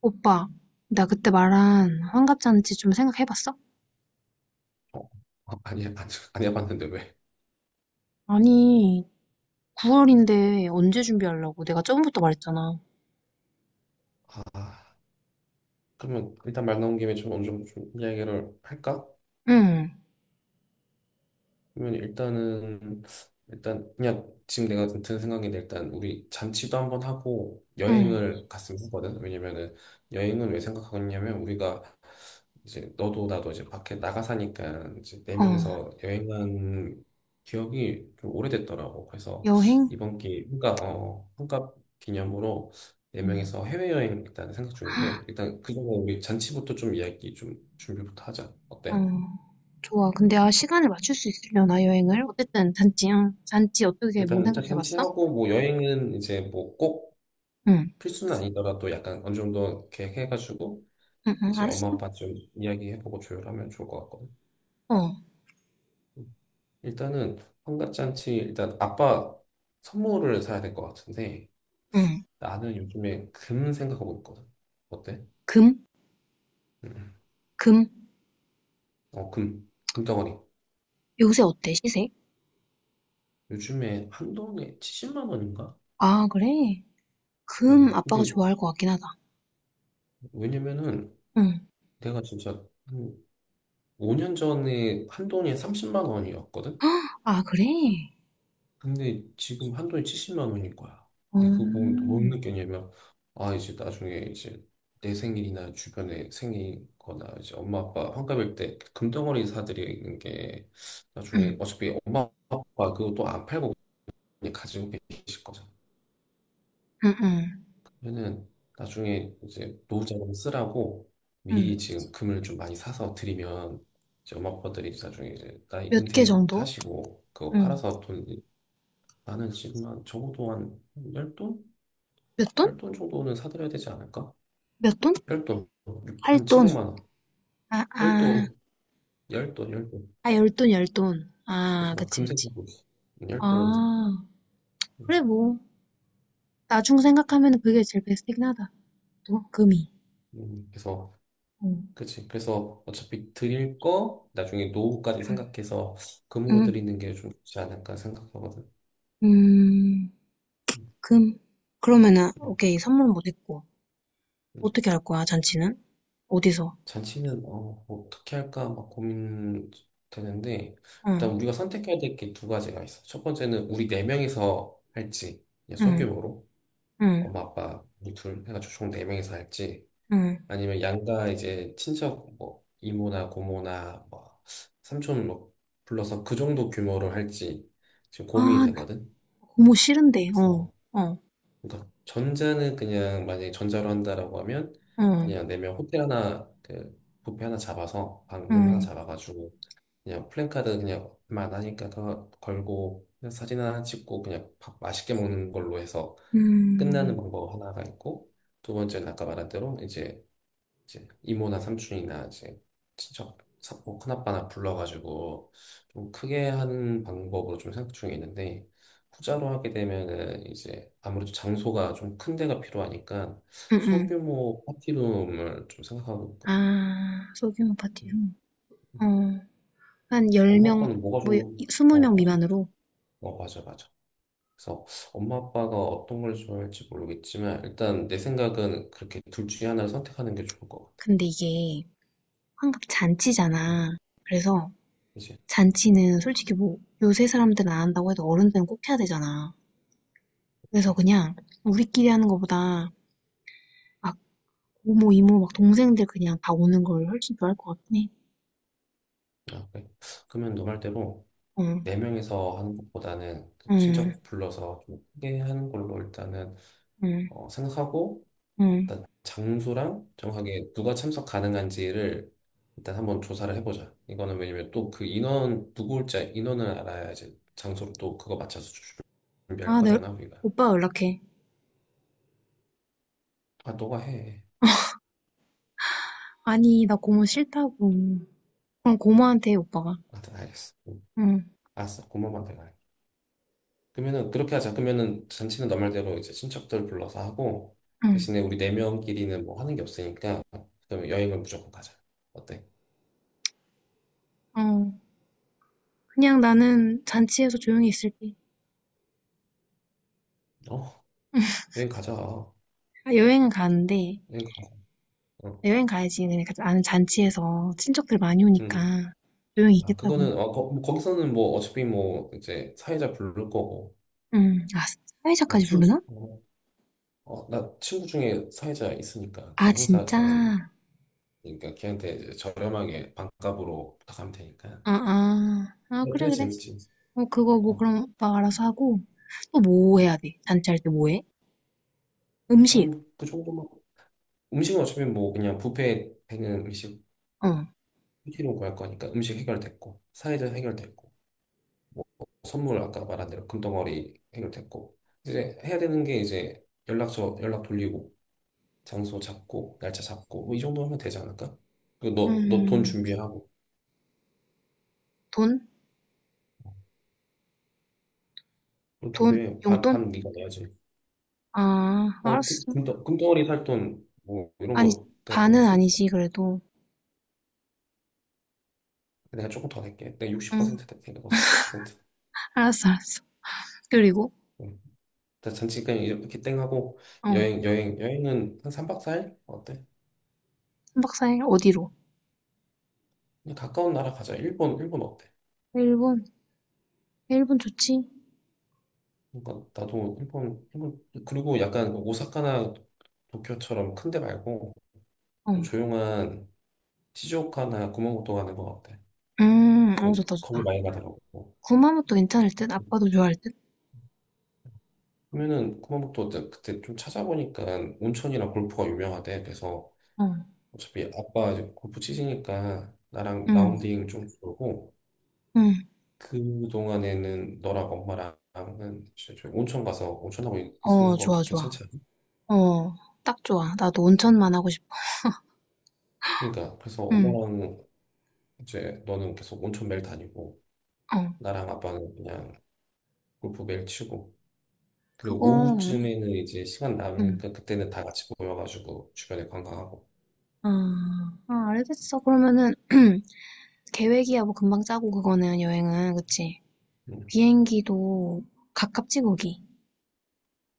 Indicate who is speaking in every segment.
Speaker 1: 오빠, 나 그때 말한 환갑잔치 좀 생각해봤어?
Speaker 2: 어, 어, 아니, 안 해봤는데 왜?
Speaker 1: 아니, 9월인데 언제 준비하려고? 내가 처부터 말했잖아.
Speaker 2: 아, 그러면 일단 말 나온 김에 좀 어느 정도 좀 이야기를 할까?
Speaker 1: 응,
Speaker 2: 그러면 일단 그냥 지금 내가 든 생각인데 일단 우리 잔치도 한번 하고
Speaker 1: 응,
Speaker 2: 여행을 갔으면 하거든. 왜냐면은 여행은 왜 생각하냐면 우리가 이제 너도 나도 이제 밖에 나가 사니까 이제 네
Speaker 1: 어,
Speaker 2: 명이서 여행한 기억이 좀 오래됐더라고. 그래서
Speaker 1: 여행?
Speaker 2: 이번 기회 그러니까 어 환갑 기념으로 네
Speaker 1: 응,
Speaker 2: 명이서 해외여행 일단 생각 중인데 일단 그전에 우리 잔치부터 좀 이야기 좀 준비부터 하자.
Speaker 1: 어,
Speaker 2: 어때?
Speaker 1: 좋아. 근데 아, 시간을 맞출 수 있으려나, 여행을? 어쨌든, 잔치, 응. 잔치 어떻게, 뭐
Speaker 2: 일단
Speaker 1: 생각해봤어?
Speaker 2: 잔치하고 뭐 여행은 이제 뭐 꼭
Speaker 1: 응,
Speaker 2: 필수는 아니더라도 약간 어느 정도 계획해가지고
Speaker 1: 응, 응,
Speaker 2: 이제 엄마
Speaker 1: 알았어.
Speaker 2: 아빠 좀 이야기해보고 조율하면 좋을 것 같거든.
Speaker 1: 어,
Speaker 2: 음. 일단은 환갑 잔치 일단 아빠 선물을 사야 될 것 같은데
Speaker 1: 응.
Speaker 2: 나는 요즘에 금 생각하고 있거든. 어때?
Speaker 1: 금?
Speaker 2: 음.
Speaker 1: 금?
Speaker 2: 어, 금, 금덩어리.
Speaker 1: 요새 어때, 시세?
Speaker 2: 요즘에 한 돈에 70만 원인가?
Speaker 1: 아, 그래? 금
Speaker 2: 어.
Speaker 1: 아빠가
Speaker 2: 이게
Speaker 1: 좋아할 것 같긴 하다.
Speaker 2: 왜냐면은
Speaker 1: 응.
Speaker 2: 내가 진짜 한 5년 전에 한 돈이 30만 원이었거든.
Speaker 1: 아, 그래?
Speaker 2: 근데 지금 한돈이 70만 원인 거야.
Speaker 1: 어,
Speaker 2: 근데 그거 보면 또못
Speaker 1: 응,
Speaker 2: 느꼈냐면, 아, 이제 나중에 이제 내 생일이나 주변에 생일 거나 이제 엄마 아빠 환갑일 때 금덩어리 사드리는 게 나중에 어차피 엄마 아빠 그거 또 안 팔고 그냥 가지고 계실 거잖아.
Speaker 1: 응, 응.
Speaker 2: 그러면은 나중에 이제 노후자금 쓰라고 미리
Speaker 1: 응.
Speaker 2: 지금 금을 좀 많이 사서 드리면 이제 엄마 아빠들이 나중에 이제 나이
Speaker 1: 몇 개 정도?
Speaker 2: 은퇴하시고 그거
Speaker 1: 응.
Speaker 2: 팔아서 돈 나는 지금 한 적어도 한 10돈?
Speaker 1: 몇 돈?
Speaker 2: 별돈 정도는 사드려야 되지 않을까?
Speaker 1: 몇 돈?
Speaker 2: 별돈 한
Speaker 1: 8돈.
Speaker 2: 700만 원.
Speaker 1: 아, 아.
Speaker 2: 별돈, 열돈, 열돈.
Speaker 1: 아, 열돈열돈. 아,
Speaker 2: 그래서 막
Speaker 1: 그치,
Speaker 2: 금세
Speaker 1: 그치.
Speaker 2: 보고 있어. 열돈.
Speaker 1: 아, 그래,
Speaker 2: 음,
Speaker 1: 뭐. 나중 생각하면 그게 제일 베스트긴 하다. 또, 금이.
Speaker 2: 그래서
Speaker 1: 응.
Speaker 2: 그치. 그래서 어차피 드릴 거 나중에 노후까지 생각해서 금으로
Speaker 1: 음,
Speaker 2: 드리는 게 좀 좋지 않을까 생각하거든.
Speaker 1: 음,
Speaker 2: 음,
Speaker 1: 금. 그러면은,
Speaker 2: 음,
Speaker 1: 오케이, 선물은 못 했고.
Speaker 2: 음.
Speaker 1: 어떻게 할 거야, 잔치는? 어디서?
Speaker 2: 잔치는 어떻게 할까 막 고민되는데 일단
Speaker 1: 응,
Speaker 2: 우리가 선택해야 될 게 두 가지가 있어. 첫 번째는 우리 네 명이서 할지 그냥
Speaker 1: 응,
Speaker 2: 소규모로.
Speaker 1: 응,
Speaker 2: 엄마 아빠 우리 둘 해가지고 총 네 명이서 할지
Speaker 1: 응.
Speaker 2: 아니면 양가 이제 친척 뭐 이모나 고모나 뭐 삼촌 뭐 불러서 그 정도 규모로 할지 지금
Speaker 1: 아,
Speaker 2: 고민이
Speaker 1: 나
Speaker 2: 되거든.
Speaker 1: 고모 싫은데, 어,
Speaker 2: 그래서
Speaker 1: 어,
Speaker 2: 그러니까 전자는 그냥 만약에 전자로 한다라고 하면
Speaker 1: 어,
Speaker 2: 그냥 네 명 호텔 하나 그 뷔페 하나 잡아서 방룸 하나
Speaker 1: 응,
Speaker 2: 잡아가지고 그냥 플랜카드 그냥 만 하니까 그거 걸고 그냥 사진 하나 찍고 그냥 밥 맛있게 먹는 걸로 해서 끝나는
Speaker 1: 음,
Speaker 2: 방법 하나가 있고 두 번째는 아까 말한 대로 이제 이모나 삼촌이나 이제 친척 사 뭐 큰아빠나 불러가지고 좀 크게 하는 방법으로 좀 생각 중에 있는데 후자로 하게 되면은 이제 아무래도 장소가 좀 큰 데가 필요하니까
Speaker 1: 응, 응.
Speaker 2: 소규모 파티룸을 좀 생각하고 있거든요.
Speaker 1: 아, 소규모 파티로. 어, 한
Speaker 2: 엄마
Speaker 1: 10명,
Speaker 2: 아빠는 뭐가
Speaker 1: 뭐,
Speaker 2: 좋?
Speaker 1: 20명
Speaker 2: 맞아.
Speaker 1: 미만으로.
Speaker 2: 맞아 맞아. 그래서 엄마 아빠가 어떤 걸 좋아할지 모르겠지만 일단 내 생각은 그렇게 둘 중에 하나를 선택하는 게 좋을 것
Speaker 1: 근데 이게 환갑
Speaker 2: 같아요.
Speaker 1: 잔치잖아. 그래서
Speaker 2: 그치?
Speaker 1: 잔치는 솔직히 뭐, 요새 사람들은 안 한다고 해도 어른들은 꼭 해야 되잖아. 그래서
Speaker 2: 그치?
Speaker 1: 그냥 우리끼리 하는 것보다 막 고모, 이모, 막 동생들 그냥 다 오는 걸 훨씬 좋아할 것 같긴 해.
Speaker 2: 아, 그래. 그러면 너 말대로
Speaker 1: 어, 응,
Speaker 2: 네 명이서 하는 것보다는 그
Speaker 1: 응,
Speaker 2: 친척 불러서 좀 크게 하는 걸로 일단은
Speaker 1: 응.
Speaker 2: 생각하고
Speaker 1: 응.
Speaker 2: 일단 장소랑 정확하게 누가 참석 가능한지를 일단 한번 조사를 해보자. 이거는 왜냐면 또 그 인원 누구 올지 인원을 알아야지 장소를 또 그거 맞춰서 준비할
Speaker 1: 아, 내
Speaker 2: 거잖아 우리가.
Speaker 1: 오빠 연락해.
Speaker 2: 아 너가 해.
Speaker 1: 아니, 나 고모 싫다고. 그럼 고모한테 해, 오빠가.
Speaker 2: 아, 알겠어.
Speaker 1: 응,
Speaker 2: 알았어, 고모만 내가 해. 그러면은 그렇게 하자. 그러면은 잔치는 너 말대로 이제 친척들 불러서 하고
Speaker 1: 응,
Speaker 2: 대신에 우리 네 명끼리는 뭐 하는 게 없으니까 그럼 여행을 무조건 가자. 어때?
Speaker 1: 어. 그냥 나는 잔치에서 조용히 있을게.
Speaker 2: 어, 여행 가자.
Speaker 1: 아, 여행은 가는데,
Speaker 2: 여행 가자. 어.
Speaker 1: 여행 가야지. 그러니까 나는 잔치에서 친척들 많이 오니까
Speaker 2: 음.
Speaker 1: 조용히
Speaker 2: 아,
Speaker 1: 있겠다고.
Speaker 2: 그거는 기서는뭐 어차피 뭐 이제 사회자 부를 거고
Speaker 1: 응, 아,
Speaker 2: 나
Speaker 1: 사회자까지
Speaker 2: 친,
Speaker 1: 부르나?
Speaker 2: 어, 어, 나 친구 중에 사회자 있으니까
Speaker 1: 아,
Speaker 2: 그런 행사
Speaker 1: 진짜?
Speaker 2: 잘하는 그러니까 걔한테 이제 저렴하게 반값으로 부탁하면 되니까.
Speaker 1: 아, 아, 아,
Speaker 2: 네,
Speaker 1: 그래,
Speaker 2: 그래
Speaker 1: 그래.
Speaker 2: 재밌지.
Speaker 1: 어, 그거 뭐
Speaker 2: 어.
Speaker 1: 그럼 오빠가 알아서 하고, 또 뭐
Speaker 2: 음.
Speaker 1: 해야 돼? 잔치할 때 뭐 해?
Speaker 2: 아니
Speaker 1: 음식,
Speaker 2: 뭐그 정도만 음식은 어차피 뭐 그냥 뷔페에 있는 음식
Speaker 1: 어,
Speaker 2: 시키로 구할 거니까 음식 해결됐고 사회적 해결됐고 뭐 선물 아까 말한 대로 금덩어리 해결됐고 이제 해야 되는 게 이제 연락처 연락 돌리고 장소 잡고 날짜 잡고 뭐 이 정도 하면 되지 않을까? 그너너 돈
Speaker 1: 음,
Speaker 2: 준비하고
Speaker 1: 돈?
Speaker 2: 돈
Speaker 1: 돈?
Speaker 2: 준비해 반
Speaker 1: 용돈?
Speaker 2: 반 네가 내야지.
Speaker 1: 아, 알았어.
Speaker 2: 금덩어리 살 돈 뭐 이런
Speaker 1: 아니,
Speaker 2: 거가 다
Speaker 1: 반은
Speaker 2: 냈으니까
Speaker 1: 아니지, 그래도.
Speaker 2: 내가 조금 더 낼게. 내가
Speaker 1: 응,
Speaker 2: 60% 낼게. 센트
Speaker 1: 알았어, 알았어. 그리고,
Speaker 2: 나 잠깐 이렇게 땡 하고
Speaker 1: 어.
Speaker 2: 여행은 한 3박 4일 어때?
Speaker 1: 3박 4일 어디로?
Speaker 2: 그냥 가까운 나라 가자. 일본 어때?
Speaker 1: 일본? 일본 좋지?
Speaker 2: 그러니까 나도 일본 그리고 약간 오사카나 도쿄처럼 큰데 말고
Speaker 1: 어.
Speaker 2: 좀 조용한 시즈오카나 구마모토 가는 거 어때?
Speaker 1: 어,
Speaker 2: 좀
Speaker 1: 좋다,
Speaker 2: 거기
Speaker 1: 좋다.
Speaker 2: 많이 가더라고.
Speaker 1: 구마모토 괜찮을
Speaker 2: 어,
Speaker 1: 듯? 아빠도 좋아할 듯?
Speaker 2: 그러면은 구마모토 어때? 그때 좀 찾아보니까 온천이랑 골프가 유명하대. 그래서
Speaker 1: 어.
Speaker 2: 어차피 아빠 이제 골프 치시니까 나랑
Speaker 1: 음,
Speaker 2: 라운딩 좀 돌고
Speaker 1: 음.
Speaker 2: 그동안에는 너랑 엄마랑은 이제 저희 온천 가서 온천하고
Speaker 1: 어,
Speaker 2: 있는 거
Speaker 1: 좋아,
Speaker 2: 좀
Speaker 1: 좋아.
Speaker 2: 괜찮지 않아?
Speaker 1: 어, 딱 좋아. 나도 온천만 하고 싶어.
Speaker 2: 그러니까 그래서
Speaker 1: 음,
Speaker 2: 엄마랑 이제 너는 계속 온천 매일 다니고
Speaker 1: 어.
Speaker 2: 나랑 아빠는 그냥 골프 매일 치고 그리고
Speaker 1: 그거,
Speaker 2: 오후쯤에는 이제 시간
Speaker 1: 음.
Speaker 2: 남으니까 그때는 다 같이 모여가지고 주변에 관광하고
Speaker 1: 아, 아, 알겠어. 그러면은, 계획이야, 뭐, 금방 짜고, 그거는, 여행은. 그치?
Speaker 2: 음.
Speaker 1: 비행기도 가깝지, 거기.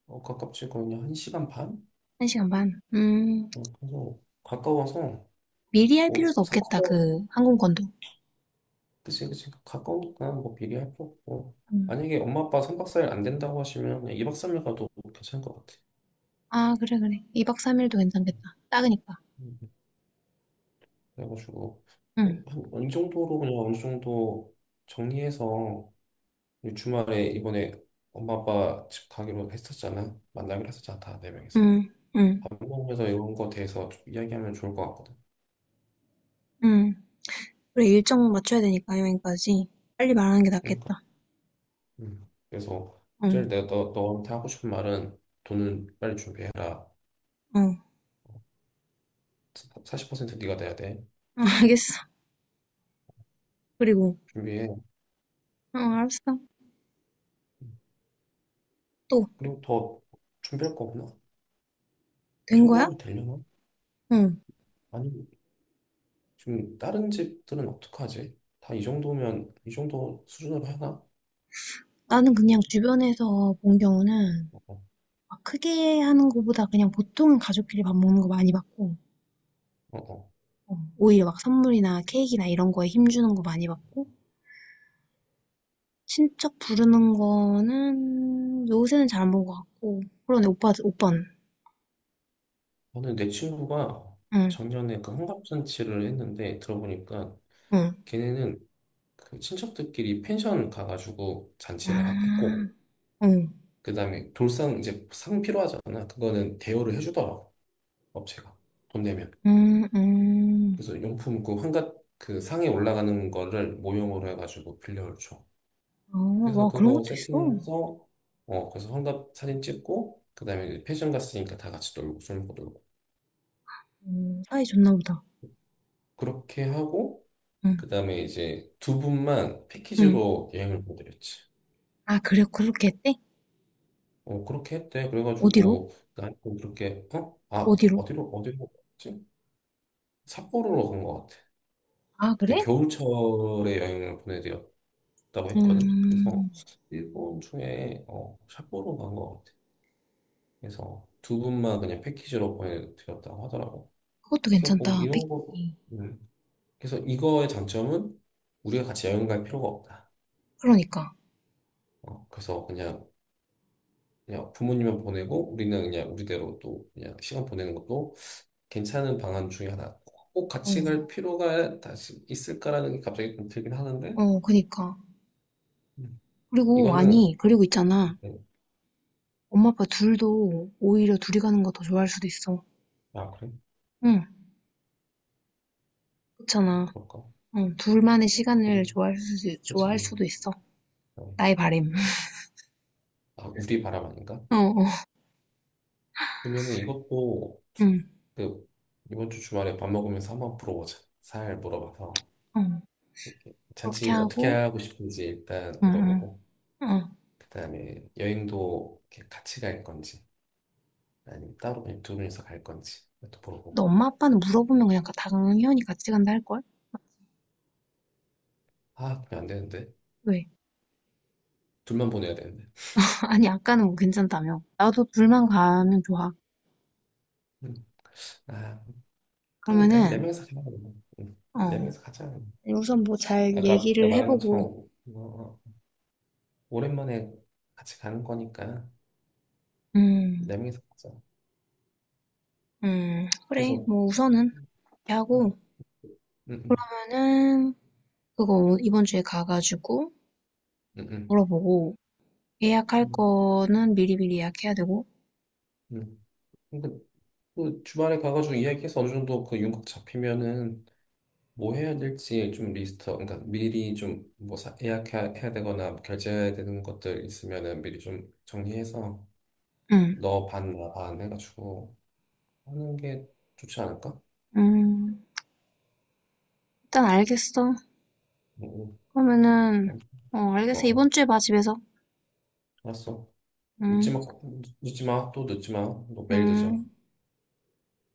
Speaker 2: 어, 가깝지 거의 한 시간 반?
Speaker 1: 한 시간 반.
Speaker 2: 그래서 가까워서
Speaker 1: 미리 할
Speaker 2: 뭐
Speaker 1: 필요도
Speaker 2: 3박
Speaker 1: 없겠다, 그, 항공권도.
Speaker 2: 그치, 그치. 가까우니까 뭐 비교할 거 없고.
Speaker 1: 음.
Speaker 2: 만약에 엄마 아빠 3박 4일 안 된다고 하시면 그냥 2박 3일 가도 괜찮을 것 같아.
Speaker 1: 아, 그래, 그래. 2박 3일도 괜찮겠다.
Speaker 2: 음,
Speaker 1: 딱으니까
Speaker 2: 음, 음. 그래가지고,
Speaker 1: 응,
Speaker 2: 어느 정도로 그냥 어느 정도 정리해서 우리 주말에 이번에 엄마 아빠 집 가기로 했었잖아. 만나기로 했었잖아. 다 네 명이서.
Speaker 1: 응, 응,
Speaker 2: 밥 먹으면서 이런 거 대해서 좀 이야기하면 좋을 것 같거든.
Speaker 1: 응. 그래, 일정 맞춰야 되니까, 여행까지. 빨리 말하는 게
Speaker 2: 그러니까.
Speaker 1: 낫겠다.
Speaker 2: 음. 그래서,
Speaker 1: 응,
Speaker 2: 제일 내가 너, 너한테 하고 싶은 말은 돈은 빨리 준비해라.
Speaker 1: 응.
Speaker 2: 40% 네가 내야 돼.
Speaker 1: 응, 알겠어. 그리고,
Speaker 2: 준비해.
Speaker 1: 응, 알았어. 또,
Speaker 2: 그리고 더 준비할 거 없나? 이
Speaker 1: 된
Speaker 2: 정도
Speaker 1: 거야?
Speaker 2: 하면 되려나?
Speaker 1: 응.
Speaker 2: 아니, 지금 다른 집들은 어떡하지? 다 이 정도면, 이 정도 수준으로 하나?
Speaker 1: 나는 그냥 주변에서 본 경우는
Speaker 2: 어,
Speaker 1: 막 크게 하는 거보다 그냥 보통은 가족끼리 밥 먹는 거 많이 받고,
Speaker 2: 어, 어.
Speaker 1: 어, 오히려 막 선물이나 케이크나 이런 거에 힘주는 거 많이 받고, 친척 부르는 거는 요새는 잘 안 본 것 같고, 그러네, 오빠, 오빠는.
Speaker 2: 저는 내 친구가
Speaker 1: 응.
Speaker 2: 작년에 그 환갑잔치를 했는데 들어보니까
Speaker 1: 응.
Speaker 2: 걔네는 그 친척들끼리 펜션 가가지고 잔치를
Speaker 1: 아,
Speaker 2: 했고,
Speaker 1: 응.
Speaker 2: 그 다음에 돌상 이제 상 필요하잖아. 그거는 대여를 해주더라고, 업체가. 돈 내면.
Speaker 1: 음, 음.
Speaker 2: 그래서 용품 그 환갑 그 상에 올라가는 거를 모형으로 해가지고 빌려줘.
Speaker 1: 어,
Speaker 2: 그래서
Speaker 1: 와, 그런
Speaker 2: 그거
Speaker 1: 것도 있어.
Speaker 2: 세팅해서 어 거기서 환갑 사진 찍고 그다음에 이제 패션 갔으니까 다 같이 놀고 술 먹고 놀고
Speaker 1: 사이 좋나 보다.
Speaker 2: 그렇게 하고
Speaker 1: 응,
Speaker 2: 그다음에 이제 두 분만
Speaker 1: 응.
Speaker 2: 패키지로 여행을 보내드렸지.
Speaker 1: 아, 그래, 그렇게 했대?
Speaker 2: 어 그렇게 했대.
Speaker 1: 어디로?
Speaker 2: 그래가지고 나는 그렇게 어아
Speaker 1: 어디로?
Speaker 2: 어디로 어디로 갔지? 삿포로로 간 것 같아.
Speaker 1: 아,
Speaker 2: 그때
Speaker 1: 그래?
Speaker 2: 겨울철에 여행을 보내드렸다고 했거든. 그래서
Speaker 1: 음,
Speaker 2: 일본 중에 어 삿포로 간 것 같아. 그래서 두 분만 그냥 패키지로 보내드렸다고 하더라고.
Speaker 1: 그것도
Speaker 2: 그래서 뭐
Speaker 1: 괜찮다.
Speaker 2: 이런 거,
Speaker 1: 패키지.
Speaker 2: 음. 그래서 이거의 장점은 우리가 같이 여행 갈 필요가 없다.
Speaker 1: 그러니까.
Speaker 2: 어, 그래서 그냥, 그냥 부모님만 보내고 우리는 그냥 우리대로 또 그냥 시간 보내는 것도 괜찮은 방안 중에 하나. 꼭 같이 갈
Speaker 1: 어,
Speaker 2: 필요가 다시 있을까라는 게 갑자기 좀 들긴 하는데,
Speaker 1: 어, 그니까.
Speaker 2: 음.
Speaker 1: 그리고,
Speaker 2: 이거는,
Speaker 1: 아니, 그리고 있잖아.
Speaker 2: 네.
Speaker 1: 엄마, 아빠 둘도 오히려 둘이 가는 거 더 좋아할 수도 있어.
Speaker 2: 아, 그래?
Speaker 1: 응,
Speaker 2: 어,
Speaker 1: 그렇잖아.
Speaker 2: 그럴까?
Speaker 1: 응, 둘만의 시간을
Speaker 2: 그럼,
Speaker 1: 좋아할 수,
Speaker 2: 그지.
Speaker 1: 좋아할 수도 있어.
Speaker 2: 어.
Speaker 1: 나의 바램.
Speaker 2: 아, 우리 바람 아닌가?
Speaker 1: 어, 어,
Speaker 2: 그러면은 이것도
Speaker 1: 응,
Speaker 2: 그, 이번 주 주말에 밥 먹으면서 한번 물어보자. 살 물어봐서.
Speaker 1: 어.
Speaker 2: 이렇게
Speaker 1: 그렇게
Speaker 2: 잔치 어떻게
Speaker 1: 하고,
Speaker 2: 하고 싶은지 일단
Speaker 1: 응,
Speaker 2: 물어보고,
Speaker 1: 응, 응.
Speaker 2: 그다음에 여행도 이렇게 같이 갈 건지, 아니면 따로 그냥 두 명이서 갈 건지, 또
Speaker 1: 너
Speaker 2: 물어보고.
Speaker 1: 엄마 아빠는 물어보면 그냥 당연히 같이 간다 할걸?
Speaker 2: 아, 그냥 안 되는데.
Speaker 1: 왜?
Speaker 2: 둘만 보내야 되는데.
Speaker 1: 아니, 아까는 뭐 괜찮다며. 나도 둘만 가면 좋아.
Speaker 2: 음. 아, 그럼 네, 네
Speaker 1: 그러면은,
Speaker 2: 명이서 가자. 그
Speaker 1: 어,
Speaker 2: 네 명이서 가자.
Speaker 1: 우선 뭐 잘
Speaker 2: 아까 내가
Speaker 1: 얘기를
Speaker 2: 말한
Speaker 1: 해보고,
Speaker 2: 것처럼, 어, 오랜만에 같이 가는 거니까,
Speaker 1: 음,
Speaker 2: 네 명이서 가자.
Speaker 1: 그래.
Speaker 2: 그래서,
Speaker 1: 뭐 우선은, 이렇게
Speaker 2: 음,
Speaker 1: 하고,
Speaker 2: 음, 음,
Speaker 1: 그러면은, 그거 이번 주에 가가지고
Speaker 2: 음,
Speaker 1: 물어보고, 예약할
Speaker 2: 음,
Speaker 1: 거는 미리미리 예약해야 되고,
Speaker 2: 음. 음. 그, 그, 주말에 가가지고 이야기해서 어느 정도 그 윤곽 잡히면은 뭐 해야 될지 좀 리스트, 그러니까 미리 좀 뭐 예약해야 해야 되거나 뭐 결제해야 되는 것들 있으면은 미리 좀 정리해서
Speaker 1: 응,
Speaker 2: 너 반, 나반 해가지고 하는 게 좋지 않을까?
Speaker 1: 음, 일단 알겠어.
Speaker 2: 응,
Speaker 1: 그러면은,
Speaker 2: 응.
Speaker 1: 어,
Speaker 2: 어,
Speaker 1: 알겠어. 이번
Speaker 2: 어,
Speaker 1: 주에 봐, 집에서.
Speaker 2: 알았어. 늦지
Speaker 1: 응,
Speaker 2: 마, 늦지 마, 또 늦지 마. 너 매일
Speaker 1: 응.
Speaker 2: 늦어.